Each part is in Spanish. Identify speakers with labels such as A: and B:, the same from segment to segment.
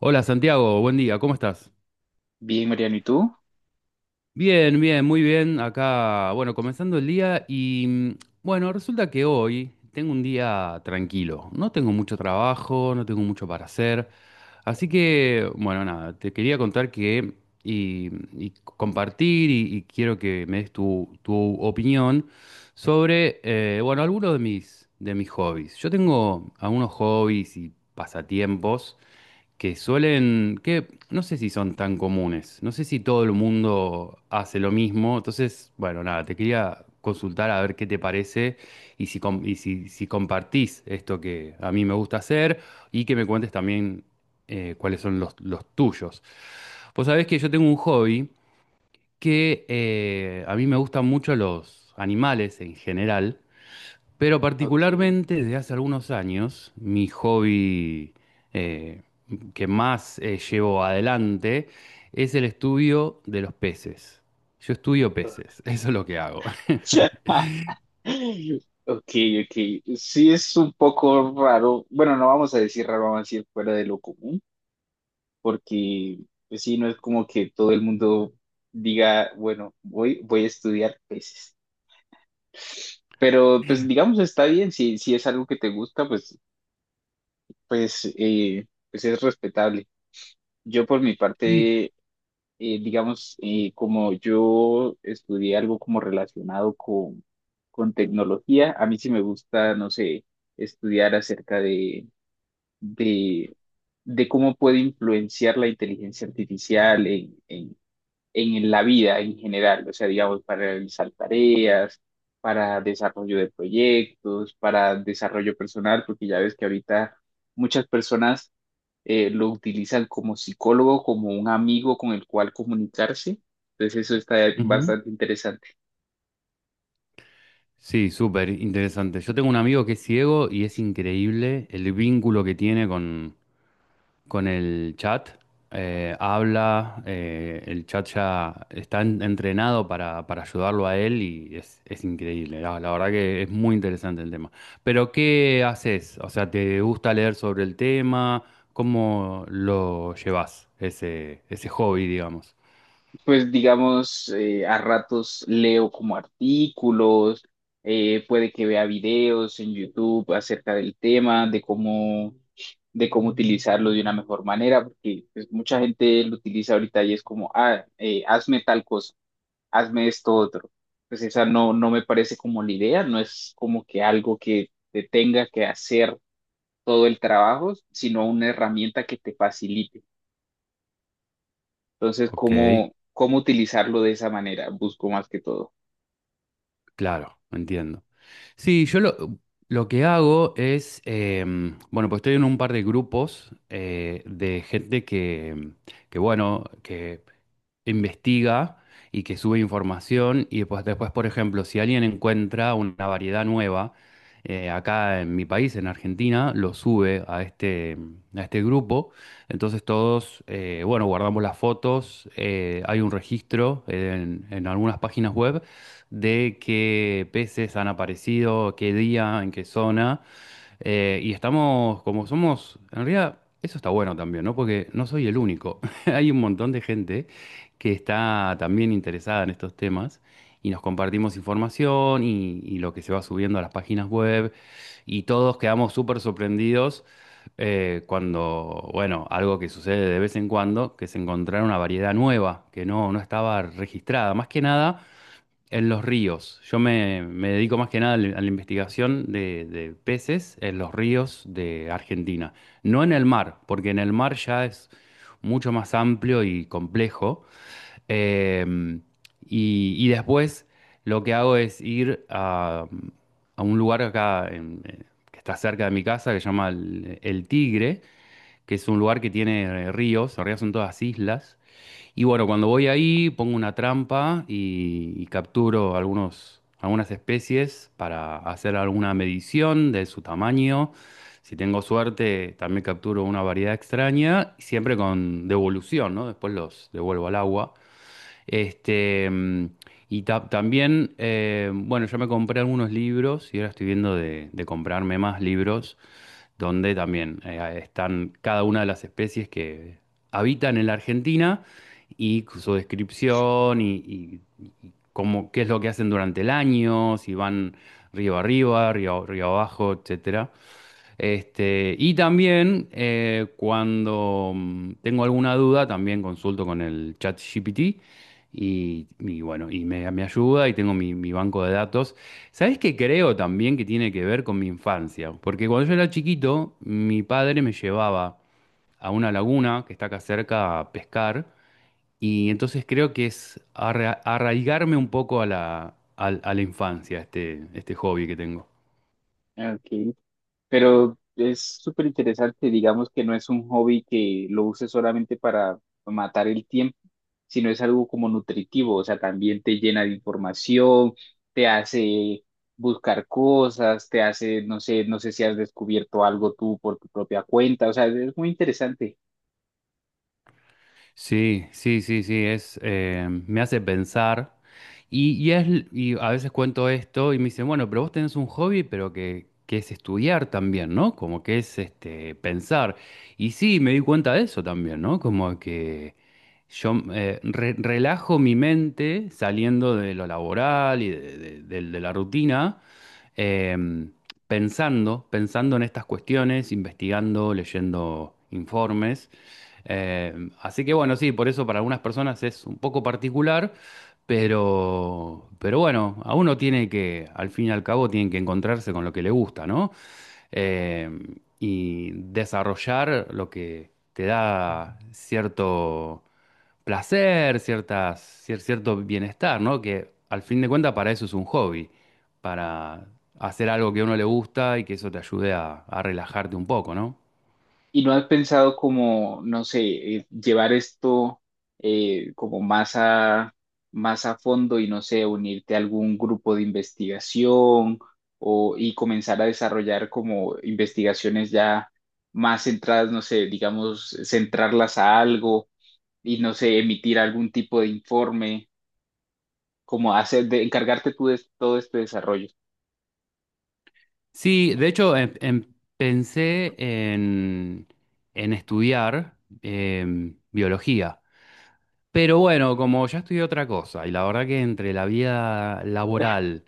A: Hola Santiago, buen día, ¿cómo estás?
B: Bien, Mariano, ¿y tú?
A: Bien, bien, muy bien. Acá, bueno, comenzando el día y bueno, resulta que hoy tengo un día tranquilo. No tengo mucho trabajo, no tengo mucho para hacer. Así que, bueno, nada, te quería contar que y compartir y quiero que me des tu opinión sobre, bueno, algunos de mis hobbies. Yo tengo algunos hobbies y pasatiempos que suelen, que no sé si son tan comunes, no sé si todo el mundo hace lo mismo, entonces, bueno, nada, te quería consultar a ver qué te parece y si, si compartís esto que a mí me gusta hacer y que me cuentes también cuáles son los tuyos. Vos sabés que yo tengo un hobby que a mí me gustan mucho los animales en general. Pero
B: Ok.
A: particularmente desde hace algunos años, mi hobby eh, que más llevo adelante es el estudio de los peces. Yo estudio peces, eso es lo que hago.
B: Ok, ok. Sí, es un poco raro. Bueno, no vamos a decir raro, vamos a decir fuera de lo común, porque pues sí, no es como que todo el mundo diga, bueno, voy a estudiar peces. Pero pues digamos, está bien, si es algo que te gusta, pues, pues, pues es respetable. Yo por mi
A: Sí.
B: parte digamos, como yo estudié algo como relacionado con tecnología, a mí sí me gusta, no sé, estudiar acerca de, de cómo puede influenciar la inteligencia artificial en la vida en general, o sea, digamos, para realizar tareas, para desarrollo de proyectos, para desarrollo personal, porque ya ves que ahorita muchas personas lo utilizan como psicólogo, como un amigo con el cual comunicarse. Entonces eso está
A: Ujú.
B: bastante interesante.
A: Sí, súper interesante. Yo tengo un amigo que es ciego y es increíble el vínculo que tiene con el chat, habla, el chat ya está entrenado para ayudarlo a él y es increíble, la verdad que es muy interesante el tema. Pero ¿qué haces? O sea, ¿te gusta leer sobre el tema? ¿Cómo lo llevas, ese hobby, digamos?
B: Pues digamos, a ratos leo como artículos, puede que vea videos en YouTube acerca del tema, de cómo utilizarlo de una mejor manera, porque pues, mucha gente lo utiliza ahorita y es como, hazme tal cosa, hazme esto otro. Pues esa no, no me parece como la idea, no es como que algo que te tenga que hacer todo el trabajo, sino una herramienta que te facilite. Entonces,
A: Ok,
B: ¿ cómo utilizarlo de esa manera? Busco más que todo.
A: claro, entiendo. Sí, lo que hago es, bueno, pues estoy en un par de grupos de gente que, que, bueno, que investiga y que sube información y pues después, por ejemplo, si alguien encuentra una variedad nueva acá en mi país, en Argentina, lo sube a a este grupo. Entonces todos, bueno, guardamos las fotos, hay un registro en algunas páginas web de qué peces han aparecido, qué día, en qué zona. Y estamos, como somos, en realidad eso está bueno también, ¿no? Porque no soy el único. Hay un montón de gente que está también interesada en estos temas y nos compartimos información y lo que se va subiendo a las páginas web y todos quedamos súper sorprendidos cuando, bueno, algo que sucede de vez en cuando, que se encontraron una variedad nueva que no, no estaba registrada. Más que nada en los ríos. Me dedico más que nada a la investigación de peces en los ríos de Argentina. No en el mar, porque en el mar ya es mucho más amplio y complejo. Eh, y después lo que hago es ir a un lugar acá que está cerca de mi casa que se llama El Tigre, que es un lugar que tiene ríos. En realidad son todas islas. Y bueno, cuando voy ahí pongo una trampa y capturo algunos, algunas especies para hacer alguna medición de su tamaño. Si tengo suerte, también capturo una variedad extraña, siempre con devolución, ¿no? Después los devuelvo al agua. Este, mm, también, bueno, yo me compré algunos libros y ahora estoy viendo de comprarme más libros donde también están cada una de las especies que habitan en la Argentina y su descripción y cómo, qué es lo que hacen durante el año, si van río arriba, río abajo, etcétera. Y también cuando tengo alguna duda, también consulto con el chat GPT y bueno, me ayuda y tengo mi banco de datos. ¿Sabés qué creo también que tiene que ver con mi infancia? Porque cuando yo era chiquito, mi padre me llevaba a una laguna que está acá cerca a pescar y entonces creo que es arraigarme un poco a la, a la infancia, este hobby que tengo.
B: Ok. Pero es súper interesante, digamos que no es un hobby que lo uses solamente para matar el tiempo, sino es algo como nutritivo, o sea, también te llena de información, te hace buscar cosas, te hace, no sé, no sé si has descubierto algo tú por tu propia cuenta, o sea, es muy interesante.
A: Sí, sí, sí, sí, es, me hace pensar. Y es, y a veces cuento esto y me dicen, bueno, pero vos tenés un hobby, pero que es estudiar también, ¿no? Como que es este, pensar. Y sí, me di cuenta de eso también, ¿no? Como que yo relajo mi mente saliendo de lo laboral y de, de la rutina, em, pensando, pensando en estas cuestiones, investigando, leyendo informes. Eh, Así que bueno, sí, por eso para algunas personas es un poco particular, pero bueno, a uno tiene que, al fin y al cabo, tiene que encontrarse con lo que le gusta, ¿no? Eh, y desarrollar lo que te da cierto placer, ciertas, cierto bienestar, ¿no? Que al fin de cuentas para eso es un hobby, para hacer algo que a uno le gusta y que eso te ayude a relajarte un poco, ¿no?
B: ¿Y no has pensado como, no sé, llevar esto como más más a fondo y no sé, unirte a algún grupo de investigación o, y comenzar a desarrollar como investigaciones ya más centradas, no sé, digamos, centrarlas a algo y no sé, emitir algún tipo de informe, como hacer, de, encargarte tú de todo este desarrollo?
A: Sí, de hecho, pensé en estudiar biología. Pero bueno, como ya estudié otra cosa, y la verdad que entre la vida laboral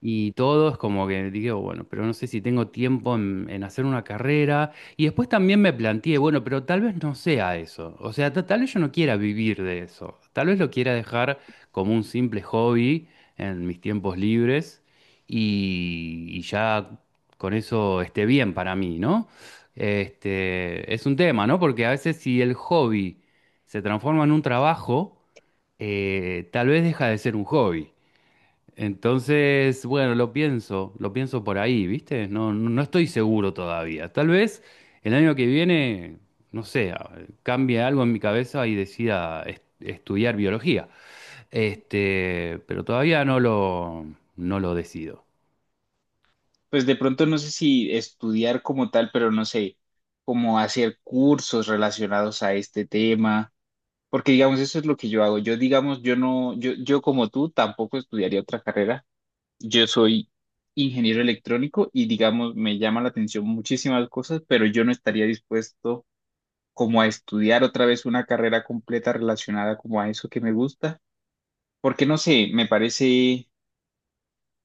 A: y todo es como que digo, bueno, pero no sé si tengo tiempo en hacer una carrera. Y después también me planteé, bueno, pero tal vez no sea eso. O sea, tal vez yo no quiera vivir de eso. Tal vez lo quiera dejar como un simple hobby en mis tiempos libres y ya con eso esté bien para mí, ¿no? Es un tema, ¿no? Porque a veces si el hobby se transforma en un trabajo, tal vez deja de ser un hobby. Entonces, bueno, lo pienso por ahí, ¿viste? No, no estoy seguro todavía. Tal vez el año que viene, no sé, cambie algo en mi cabeza y decida estudiar biología. Pero todavía no lo, no lo decido.
B: Pues de pronto no sé si estudiar como tal, pero no sé, como hacer cursos relacionados a este tema, porque digamos, eso es lo que yo hago. Yo, digamos, yo no, yo como tú tampoco estudiaría otra carrera. Yo soy ingeniero electrónico y digamos, me llama la atención muchísimas cosas, pero yo no estaría dispuesto como a estudiar otra vez una carrera completa relacionada como a eso que me gusta, porque no sé, me parece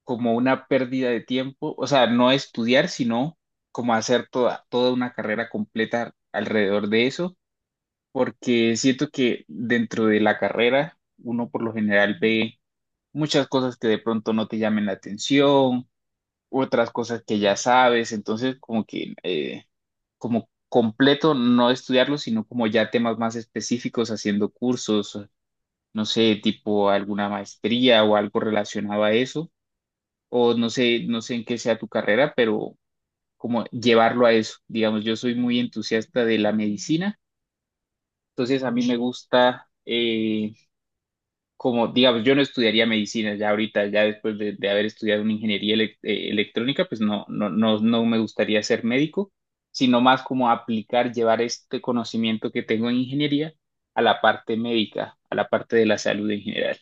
B: como una pérdida de tiempo, o sea, no estudiar, sino como hacer toda, toda una carrera completa alrededor de eso, porque siento que dentro de la carrera uno por lo general ve muchas cosas que de pronto no te llamen la atención, otras cosas que ya sabes, entonces como que como completo no estudiarlo, sino como ya temas más específicos haciendo cursos, no sé, tipo alguna maestría o algo relacionado a eso o no sé, no sé en qué sea tu carrera, pero como llevarlo a eso. Digamos, yo soy muy entusiasta de la medicina, entonces a mí me gusta, como, digamos, yo no estudiaría medicina ya ahorita, ya después de haber estudiado una ingeniería electrónica, pues no, no, no, no me gustaría ser médico, sino más como aplicar, llevar este conocimiento que tengo en ingeniería a la parte médica, a la parte de la salud en general.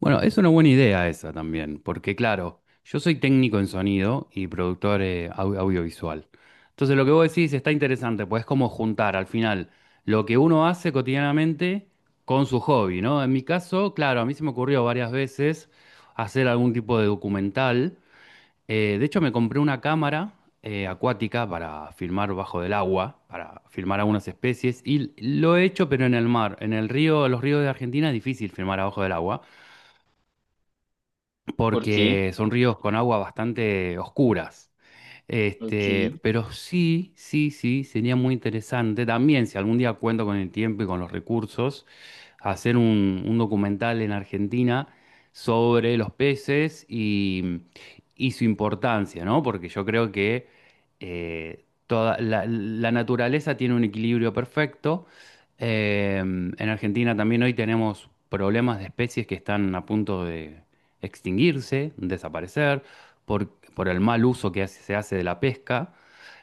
A: Bueno, es una buena idea esa también, porque claro, yo soy técnico en sonido y productor audiovisual. Entonces lo que vos decís está interesante, pues es como juntar al final lo que uno hace cotidianamente con su hobby, ¿no? En mi caso, claro, a mí se me ocurrió varias veces hacer algún tipo de documental. De hecho, me compré una cámara acuática para filmar bajo del agua, para filmar algunas especies, y lo he hecho, pero en el mar. En el río, los ríos de Argentina es difícil filmar abajo del agua
B: ¿Por qué?
A: porque son ríos con aguas bastante oscuras.
B: Ok,
A: Pero sí, sí, sí, sería muy interesante también, si algún día cuento con el tiempo y con los recursos, hacer un documental en Argentina sobre los peces y su importancia, ¿no? Porque yo creo que toda la naturaleza tiene un equilibrio perfecto. En Argentina también hoy tenemos problemas de especies que están a punto de extinguirse, desaparecer por, por el mal uso que se hace de la pesca.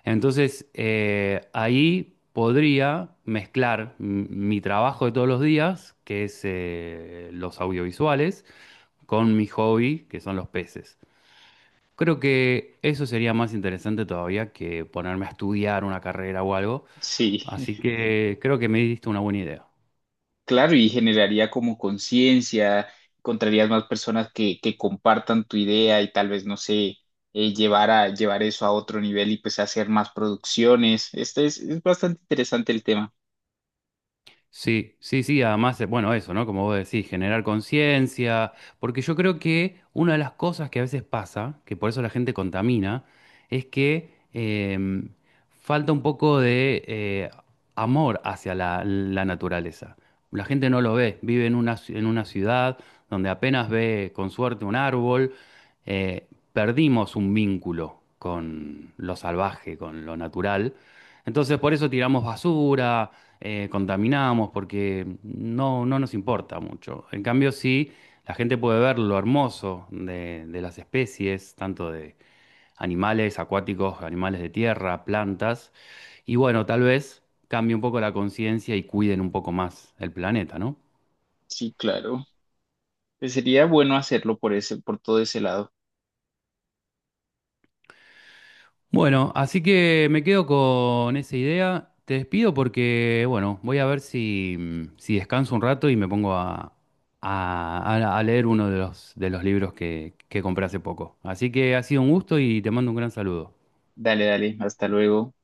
A: Entonces, ahí podría mezclar mi trabajo de todos los días, que es los audiovisuales, con mi hobby, que son los peces. Creo que eso sería más interesante todavía que ponerme a estudiar una carrera o algo.
B: sí.
A: Así que creo que me diste una buena idea.
B: Claro, y generaría como conciencia, encontrarías más personas que compartan tu idea y tal vez, no sé, llevar llevar eso a otro nivel y pues hacer más producciones. Este es bastante interesante el tema.
A: Sí, sí, sí, además, bueno, eso, ¿no? Como vos decís, generar conciencia, porque yo creo que una de las cosas que a veces pasa, que por eso la gente contamina, es que falta un poco de amor hacia la naturaleza. La gente no lo ve, vive en una, en una ciudad donde apenas ve con suerte un árbol, eh, perdimos un vínculo con lo salvaje, con lo natural. Entonces por eso tiramos basura, contaminamos, porque no, no nos importa mucho. En cambio, sí, la gente puede ver lo hermoso de las especies, tanto de animales acuáticos, animales de tierra, plantas, y bueno, tal vez cambie un poco la conciencia y cuiden un poco más el planeta, ¿no?
B: Sí, claro. Pues sería bueno hacerlo por ese, por todo ese lado.
A: Bueno, así que me quedo con esa idea. Te despido porque, bueno, voy a ver si, si descanso un rato y me pongo a, a leer uno de los libros que compré hace poco. Así que ha sido un gusto y te mando un gran saludo.
B: Dale, dale, hasta luego.